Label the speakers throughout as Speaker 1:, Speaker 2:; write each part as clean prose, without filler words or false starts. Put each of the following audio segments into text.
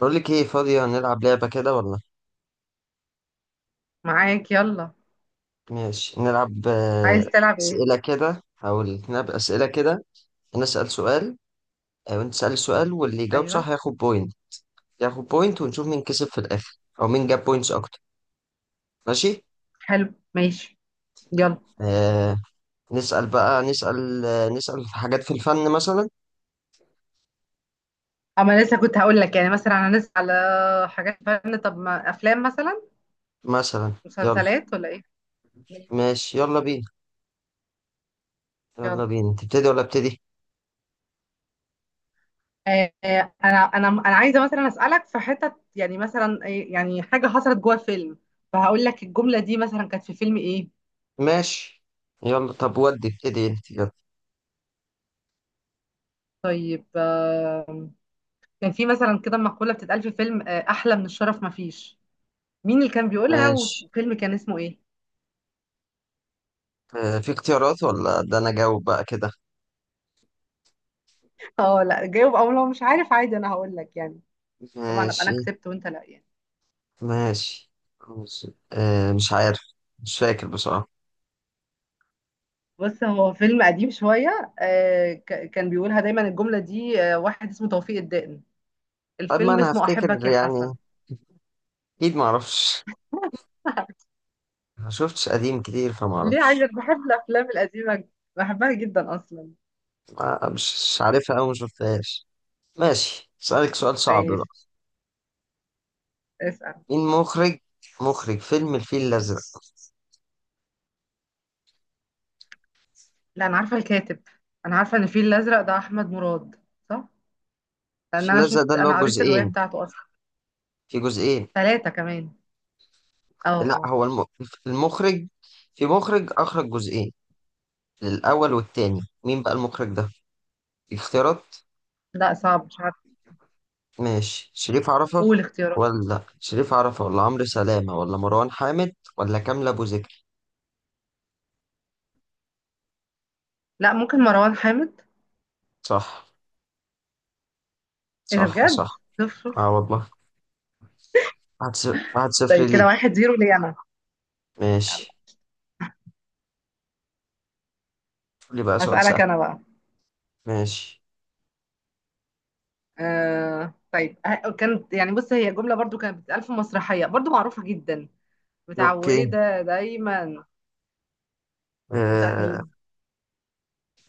Speaker 1: بقول لك ايه، فاضية نلعب لعبة كده ولا؟
Speaker 2: معاك، يلا.
Speaker 1: ماشي نلعب.
Speaker 2: عايز تلعب ايه؟
Speaker 1: أسئلة كده. هقول نلعب أسئلة كده. أنا أسأل سؤال وأنت تسأل سؤال واللي يجاوب
Speaker 2: ايوه.
Speaker 1: صح ياخد بوينت. ياخد بوينت ونشوف مين كسب في الآخر أو مين جاب بوينتس أكتر. ماشي.
Speaker 2: حلو، ماشي. يلا.
Speaker 1: آه نسأل بقى، نسأل نسأل في حاجات في الفن مثلا.
Speaker 2: اما لسه كنت هقول لك يعني مثلا انا لسه على حاجات فن. طب ما افلام مثلا؟
Speaker 1: مثلا يلا.
Speaker 2: مسلسلات ولا ايه؟ ماشي.
Speaker 1: ماشي يلا بينا. يلا
Speaker 2: يلا.
Speaker 1: بينا، تبتدي ولا ابتدي؟
Speaker 2: انا عايزه مثلا اسالك في حتت، يعني مثلا يعني حاجه حصلت جوه فيلم، فهقول لك الجمله دي مثلا كانت في فيلم ايه.
Speaker 1: ماشي يلا، طب ودي ابتدي انت. يلا.
Speaker 2: طيب. كان في مثلا كده مقوله بتتقال في فيلم، احلى من الشرف مفيش. مين اللي كان بيقولها
Speaker 1: ماشي.
Speaker 2: والفيلم كان اسمه ايه؟
Speaker 1: في اختيارات ولا ده انا جاوب بقى كده؟
Speaker 2: اه لا جاوب، او لو مش عارف عادي انا هقول لك يعني. طبعا ابقى انا
Speaker 1: ماشي
Speaker 2: كسبت وانت لا يعني.
Speaker 1: ماشي ماشي. آه، مش عارف. مش فاكر بصراحة.
Speaker 2: بص، هو فيلم قديم شويه. كان بيقولها دايما الجمله دي، واحد اسمه توفيق الدقن.
Speaker 1: طب ما
Speaker 2: الفيلم
Speaker 1: أنا
Speaker 2: اسمه
Speaker 1: هفتكر
Speaker 2: احبك يا
Speaker 1: يعني،
Speaker 2: حسن.
Speaker 1: أكيد معرفش. ما شفتش قديم كتير
Speaker 2: ليه؟ عايزه،
Speaker 1: فمعرفش.
Speaker 2: بحب الافلام القديمه، بحبها جدا اصلا.
Speaker 1: مش عارفها أو مشفتهاش. ماشي، أسألك سؤال صعب بقى.
Speaker 2: ماشي، اسال.
Speaker 1: مين مخرج، مخرج فيلم الفيل الأزرق؟
Speaker 2: لا انا عارفه الكاتب، انا عارفه ان الفيل الازرق ده احمد مراد، صح؟ لان
Speaker 1: الفيل
Speaker 2: انا
Speaker 1: الأزرق ده
Speaker 2: شفت،
Speaker 1: اللي هو
Speaker 2: انا قريت الروايه
Speaker 1: جزئين،
Speaker 2: بتاعته اصلا.
Speaker 1: في جزئين.
Speaker 2: ثلاثه كمان. اه
Speaker 1: لا
Speaker 2: اه.
Speaker 1: هو الم... المخرج، في مخرج أخرج جزئين، الأول والتاني، مين بقى المخرج ده؟ اختيارات.
Speaker 2: لا صعب، مش عارفه.
Speaker 1: ماشي، شريف عرفة.
Speaker 2: قول اختيارات.
Speaker 1: ولا شريف عرفة ولا عمرو سلامة ولا مروان حامد ولا كامل أبو زكي؟
Speaker 2: لا، ممكن مروان حامد.
Speaker 1: صح.
Speaker 2: ايه ده
Speaker 1: صح صح.
Speaker 2: بجد! شوف شوف.
Speaker 1: اه والله. واحد صفر، واحد صفر
Speaker 2: طيب كده
Speaker 1: ليك.
Speaker 2: واحد زيرو ليا انا. يلا،
Speaker 1: ماشي، قول لي بقى سؤال سهل.
Speaker 2: هسألك انا بقى.
Speaker 1: ماشي.
Speaker 2: طيب، كانت يعني، بص، هي جملة برضو كانت بتتقال في مسرحية برضو معروفة جدا،
Speaker 1: اوكي.
Speaker 2: متعودة دايما. دي بتاعت
Speaker 1: آه.
Speaker 2: مين؟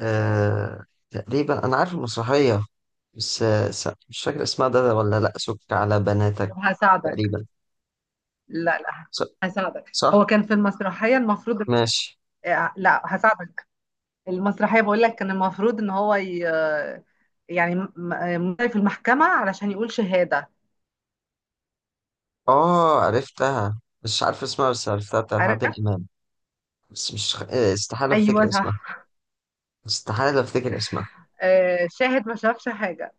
Speaker 1: آه. تقريبا انا عارف المسرحية، بس مش فاكر اسمها ده ولا لا، سك على
Speaker 2: طب
Speaker 1: بناتك.
Speaker 2: هساعدك.
Speaker 1: تقريبا.
Speaker 2: لا لا،
Speaker 1: ص-
Speaker 2: هساعدك، هو
Speaker 1: صح.
Speaker 2: كان في المسرحية المفروض.
Speaker 1: ماشي.
Speaker 2: لا هساعدك. المسرحية بقول لك كان المفروض ان هو ي... آه، يعني في المحكمة علشان يقول شهادة.
Speaker 1: اه عرفتها، مش عارف اسمها بس عرفتها، بتاعت
Speaker 2: عارف.
Speaker 1: عادل امام. بس مش استحالة
Speaker 2: ايوه
Speaker 1: افتكر اسمها.
Speaker 2: صح.
Speaker 1: استحالة أفتكر اسمها.
Speaker 2: شاهد ما شافش حاجة.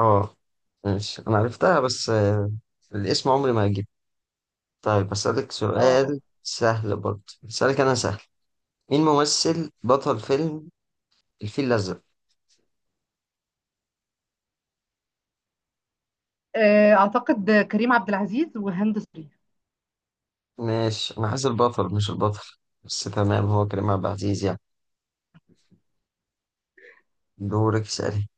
Speaker 1: اه. ماشي، أنا عرفتها بس الاسم عمري ما هجيبه. طيب أسألك
Speaker 2: اه.
Speaker 1: سؤال سهل برضه، أسألك أنا سهل. مين ممثل بطل فيلم الفيل الأزرق؟
Speaker 2: اعتقد كريم عبد العزيز وهند صبري.
Speaker 1: ماشي، أنا عايز البطل مش البطل، بس تمام هو كريم عبد العزيز يعني. دورك اسألي.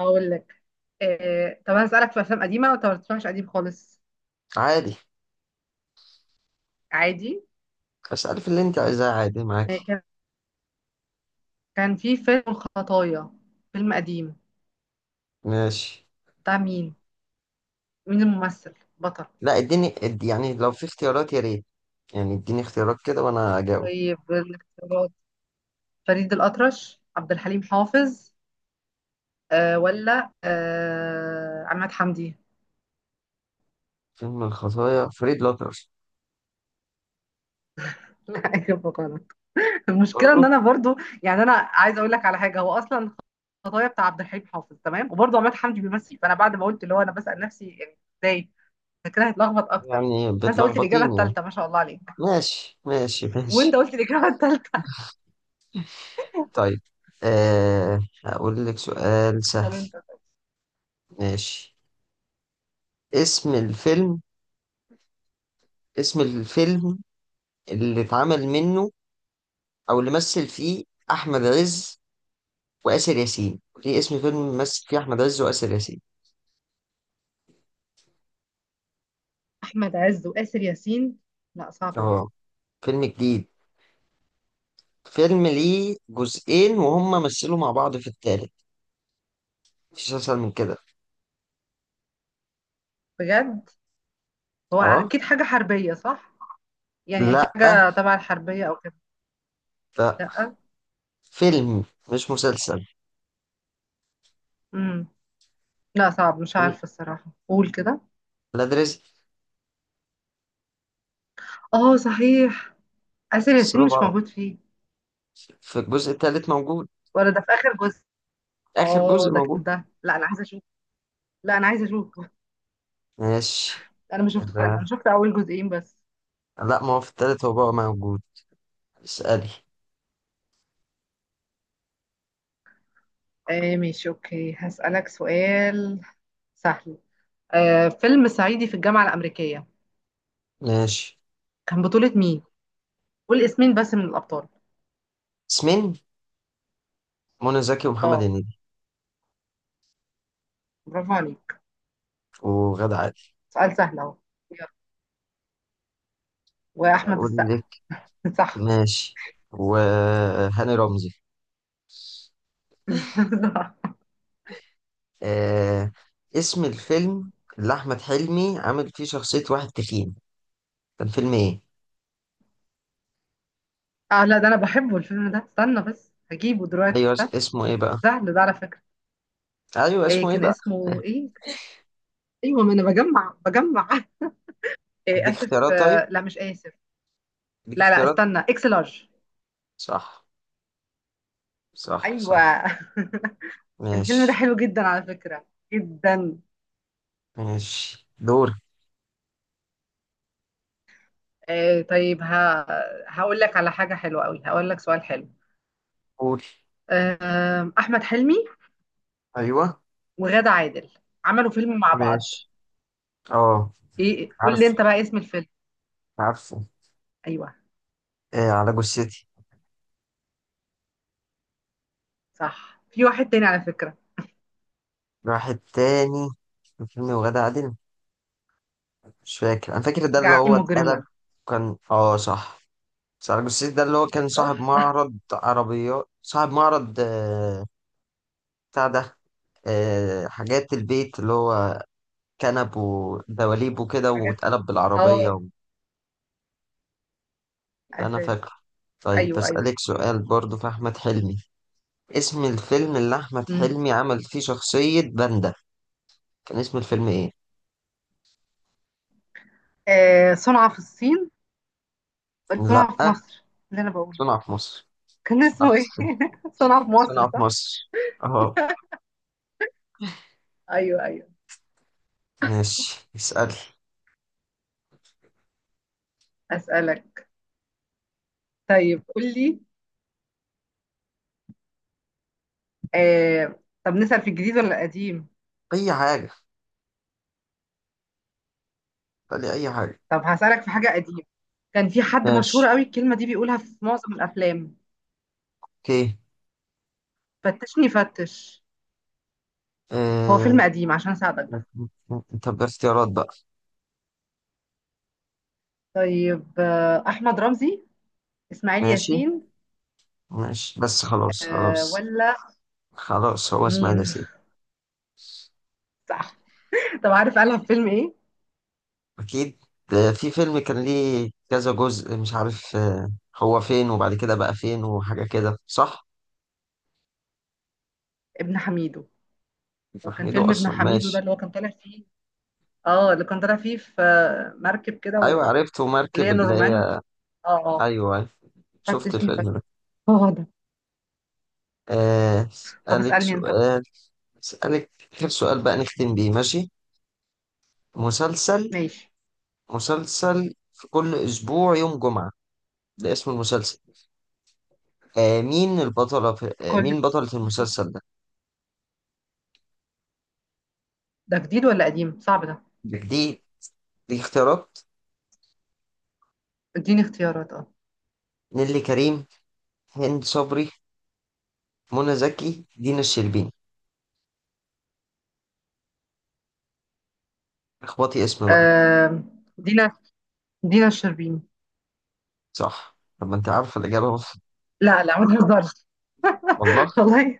Speaker 2: اقول لك. طب انا اسالك في افلام قديمه، طب ما تسمعش قديم خالص؟
Speaker 1: عادي،
Speaker 2: عادي.
Speaker 1: اسألي في اللي أنت عايزاه، عادي
Speaker 2: آه،
Speaker 1: معاكي.
Speaker 2: كان كان في فيلم خطايا، فيلم قديم،
Speaker 1: ماشي.
Speaker 2: بتاع مين؟ مين الممثل بطل؟
Speaker 1: لا اديني يعني لو في اختيارات يا ريت، يعني اديني اختيارات كده وأنا أجاوب.
Speaker 2: طيب الاختيارات: فريد الأطرش، عبد الحليم حافظ، ولا عماد حمدي.
Speaker 1: فيلم الخطايا فريد لوتر.
Speaker 2: اجيب غلط. المشكله ان
Speaker 1: برضه؟
Speaker 2: انا برضو يعني، انا عايزه اقول لك على حاجه، هو اصلا خطايا بتاع عبد الحليم حافظ تمام وبرضه عماد حمدي بيمثل، فانا بعد ما قلت اللي هو انا بسأل نفسي يعني ازاي، فكرة هتلخبط اكتر.
Speaker 1: يعني
Speaker 2: فانت قلت الاجابه
Speaker 1: بتلخبطيني يعني.
Speaker 2: الثالثه، ما شاء الله عليك.
Speaker 1: ماشي ماشي
Speaker 2: وانت
Speaker 1: ماشي.
Speaker 2: قلت الاجابه الثالثه.
Speaker 1: طيب، هقول لك سؤال سهل.
Speaker 2: انت.
Speaker 1: ماشي. اسم الفيلم، اسم الفيلم اللي اتعمل منه او اللي مثل فيه احمد عز واسر ياسين. ليه اسم فيلم مثل فيه احمد عز واسر ياسين؟
Speaker 2: احمد عز وآسر ياسين؟ لا صعب ده.
Speaker 1: اه فيلم جديد، فيلم ليه جزئين وهم مثلوا مع بعض في التالت. مفيش اسهل من كده.
Speaker 2: بجد، هو
Speaker 1: اه.
Speaker 2: اكيد حاجه حربيه صح؟ يعني اكيد
Speaker 1: لا
Speaker 2: حاجه تبع الحربيه او كده.
Speaker 1: لا.
Speaker 2: لا.
Speaker 1: فيلم، مش مسلسل.
Speaker 2: امم لا صعب، مش عارفه الصراحه، قول كده.
Speaker 1: لا ده رزق.
Speaker 2: اه صحيح، آسر ياسين
Speaker 1: مثلوا
Speaker 2: مش
Speaker 1: مع بعض
Speaker 2: موجود فيه.
Speaker 1: في الجزء التالت موجود.
Speaker 2: ولا ده في اخر جزء؟
Speaker 1: آخر
Speaker 2: اه
Speaker 1: جزء
Speaker 2: ده
Speaker 1: موجود.
Speaker 2: كده لا، انا عايزه اشوف. لا انا عايزه اشوف.
Speaker 1: ماشي
Speaker 2: انا مش شفت، انا
Speaker 1: كده.
Speaker 2: شفت اول جزئين بس.
Speaker 1: لا ما هو في التالت هو بقى موجود. اسألي.
Speaker 2: ماشي، اوكي، هسألك سؤال سهل. فيلم صعيدي في الجامعة الأمريكية،
Speaker 1: ماشي،
Speaker 2: كان بطولة مين؟ قول اسمين بس من الأبطال.
Speaker 1: اسمين. منى زكي ومحمد
Speaker 2: اه،
Speaker 1: هنيدي.
Speaker 2: برافو عليك.
Speaker 1: وغادة عادل.
Speaker 2: سؤال سهل اهو. يلا. وأحمد
Speaker 1: أقول
Speaker 2: السقا.
Speaker 1: لك.
Speaker 2: صح.
Speaker 1: ماشي. وهاني رمزي.
Speaker 2: صح.
Speaker 1: آه... اسم الفيلم اللي أحمد حلمي عامل فيه شخصية واحد تخين، كان فيلم إيه؟
Speaker 2: اه لا، ده انا بحبه الفيلم ده، استنى بس هجيبه دلوقتي،
Speaker 1: أيوه،
Speaker 2: استنى.
Speaker 1: اسمه إيه بقى؟
Speaker 2: سهل ده على فكرة.
Speaker 1: أيوه
Speaker 2: إيه
Speaker 1: اسمه إيه
Speaker 2: كان
Speaker 1: بقى؟
Speaker 2: اسمه ايه؟ ايوه ما انا بجمع. إيه
Speaker 1: أديك
Speaker 2: اسف،
Speaker 1: اختيارات طيب؟
Speaker 2: لا مش اسف.
Speaker 1: أديك
Speaker 2: لا لا
Speaker 1: اختيارات.
Speaker 2: استنى، اكس لارج.
Speaker 1: صح. صح
Speaker 2: ايوه.
Speaker 1: صح.
Speaker 2: الفيلم ده
Speaker 1: ماشي.
Speaker 2: حلو جدا على فكرة، جدا.
Speaker 1: ماشي دور.
Speaker 2: طيب، ها. هقول لك على حاجة حلوة قوي، هقول لك سؤال حلو.
Speaker 1: قول.
Speaker 2: أحمد حلمي
Speaker 1: أيوه.
Speaker 2: وغادة عادل عملوا فيلم مع بعض.
Speaker 1: ماشي. اه.
Speaker 2: ايه، قول لي
Speaker 1: عارف،
Speaker 2: انت بقى اسم الفيلم.
Speaker 1: عارفه.
Speaker 2: ايوه
Speaker 1: آه على جثتي.
Speaker 2: صح، في واحد تاني على فكرة.
Speaker 1: واحد تاني، كان فيلم وغادة عادل، مش فاكر انا، فاكر ده اللي
Speaker 2: جعلتني
Speaker 1: هو اتقلب.
Speaker 2: مجرمة.
Speaker 1: كان اه صح. بس على جثتي ده اللي هو كان صاحب
Speaker 2: صح.
Speaker 1: معرض عربيات، صاحب معرض بتاع ده، حاجات البيت، اللي هو كنب ودواليب وكده،
Speaker 2: حاجات.
Speaker 1: واتقلب بالعربية
Speaker 2: اه.
Speaker 1: و... ده انا
Speaker 2: اساس.
Speaker 1: فاكره. طيب
Speaker 2: ايوه ايوه.
Speaker 1: بسألك سؤال برضو في أحمد حلمي. اسم الفيلم اللي أحمد
Speaker 2: مم.
Speaker 1: حلمي عمل فيه شخصية باندا، كان اسم الفيلم إيه؟
Speaker 2: صنع في الصين، صنع في
Speaker 1: لأ.
Speaker 2: مصر، اللي انا بقوله.
Speaker 1: صنع في مصر.
Speaker 2: كان
Speaker 1: صنع
Speaker 2: اسمه ايه؟
Speaker 1: في
Speaker 2: صنع في مصر،
Speaker 1: صنع في
Speaker 2: صح.
Speaker 1: مصر اهو.
Speaker 2: ايوه ايوه.
Speaker 1: ماشي اسأل.
Speaker 2: اسألك. طيب قول لي. آه، طب نسأل في الجديد ولا القديم؟
Speaker 1: اي حاجة، اسألي اي حاجة.
Speaker 2: طب هسألك في حاجة قديمة. كان في حد مشهور
Speaker 1: ماشي.
Speaker 2: قوي الكلمة دي بيقولها في معظم الأفلام:
Speaker 1: اوكي.
Speaker 2: فتشني فتش. هو
Speaker 1: آه...
Speaker 2: فيلم قديم عشان أساعدك بس.
Speaker 1: طب اختيارات بقى.
Speaker 2: طيب أحمد رمزي، إسماعيل
Speaker 1: ماشي
Speaker 2: ياسين،
Speaker 1: ماشي، بس خلاص خلاص.
Speaker 2: ولا
Speaker 1: خلاص هو اسماعيل
Speaker 2: مين؟
Speaker 1: ياسين.
Speaker 2: صح. طب عارف قالها في فيلم إيه؟
Speaker 1: اكيد، في فيلم كان ليه كذا جزء مش عارف هو فين وبعد كده بقى فين وحاجة كده، صح؟
Speaker 2: ابن حميدو. هو كان
Speaker 1: محمده
Speaker 2: فيلم ابن
Speaker 1: اصلا.
Speaker 2: حميدو ده
Speaker 1: ماشي.
Speaker 2: اللي هو كان طالع فيه. اه، اللي كان طالع فيه في مركب كده
Speaker 1: ايوه
Speaker 2: و...
Speaker 1: عرفته،
Speaker 2: اللي
Speaker 1: مركب
Speaker 2: هي
Speaker 1: اللي
Speaker 2: نورمان.
Speaker 1: هي.
Speaker 2: اه اه.
Speaker 1: ايوه أيوة. شفت
Speaker 2: فتشني فتش،
Speaker 1: الفيلم ده.
Speaker 2: هو ده. طب
Speaker 1: أسألك
Speaker 2: اسألني انت بقى.
Speaker 1: سؤال. أسألك آخر سؤال بقى نختم بيه، ماشي؟ مسلسل،
Speaker 2: ماشي.
Speaker 1: مسلسل في كل أسبوع يوم جمعة، ده اسم المسلسل. آه مين البطلة في آه
Speaker 2: كل
Speaker 1: مين بطلة
Speaker 2: اسبوع؟
Speaker 1: المسلسل ده؟
Speaker 2: ده جديد ولا قديم؟ صعب ده.
Speaker 1: دي، دي اختيارات.
Speaker 2: اديني اختيارات، اه.
Speaker 1: نيللي كريم، هند صبري، منى زكي، دينا الشربيني. اخبطي اسم بقى.
Speaker 2: آم، دينا، دينا الشربيني.
Speaker 1: صح. طب ما انت عارفة الإجابة أهو.
Speaker 2: لا لا ما تهزرش.
Speaker 1: والله.
Speaker 2: والله.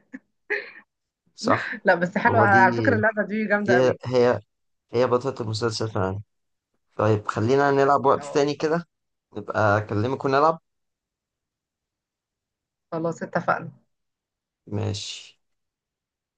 Speaker 1: صح.
Speaker 2: لا بس حلوة
Speaker 1: هو دي
Speaker 2: على فكرة اللعبة دي، جامدة
Speaker 1: دي
Speaker 2: قوي.
Speaker 1: هي هي بطلة المسلسل فعلا. طيب خلينا نلعب وقت
Speaker 2: اه،
Speaker 1: تاني كده، نبقى أكلمك ونلعب.
Speaker 2: خلاص اتفقنا.
Speaker 1: ماشي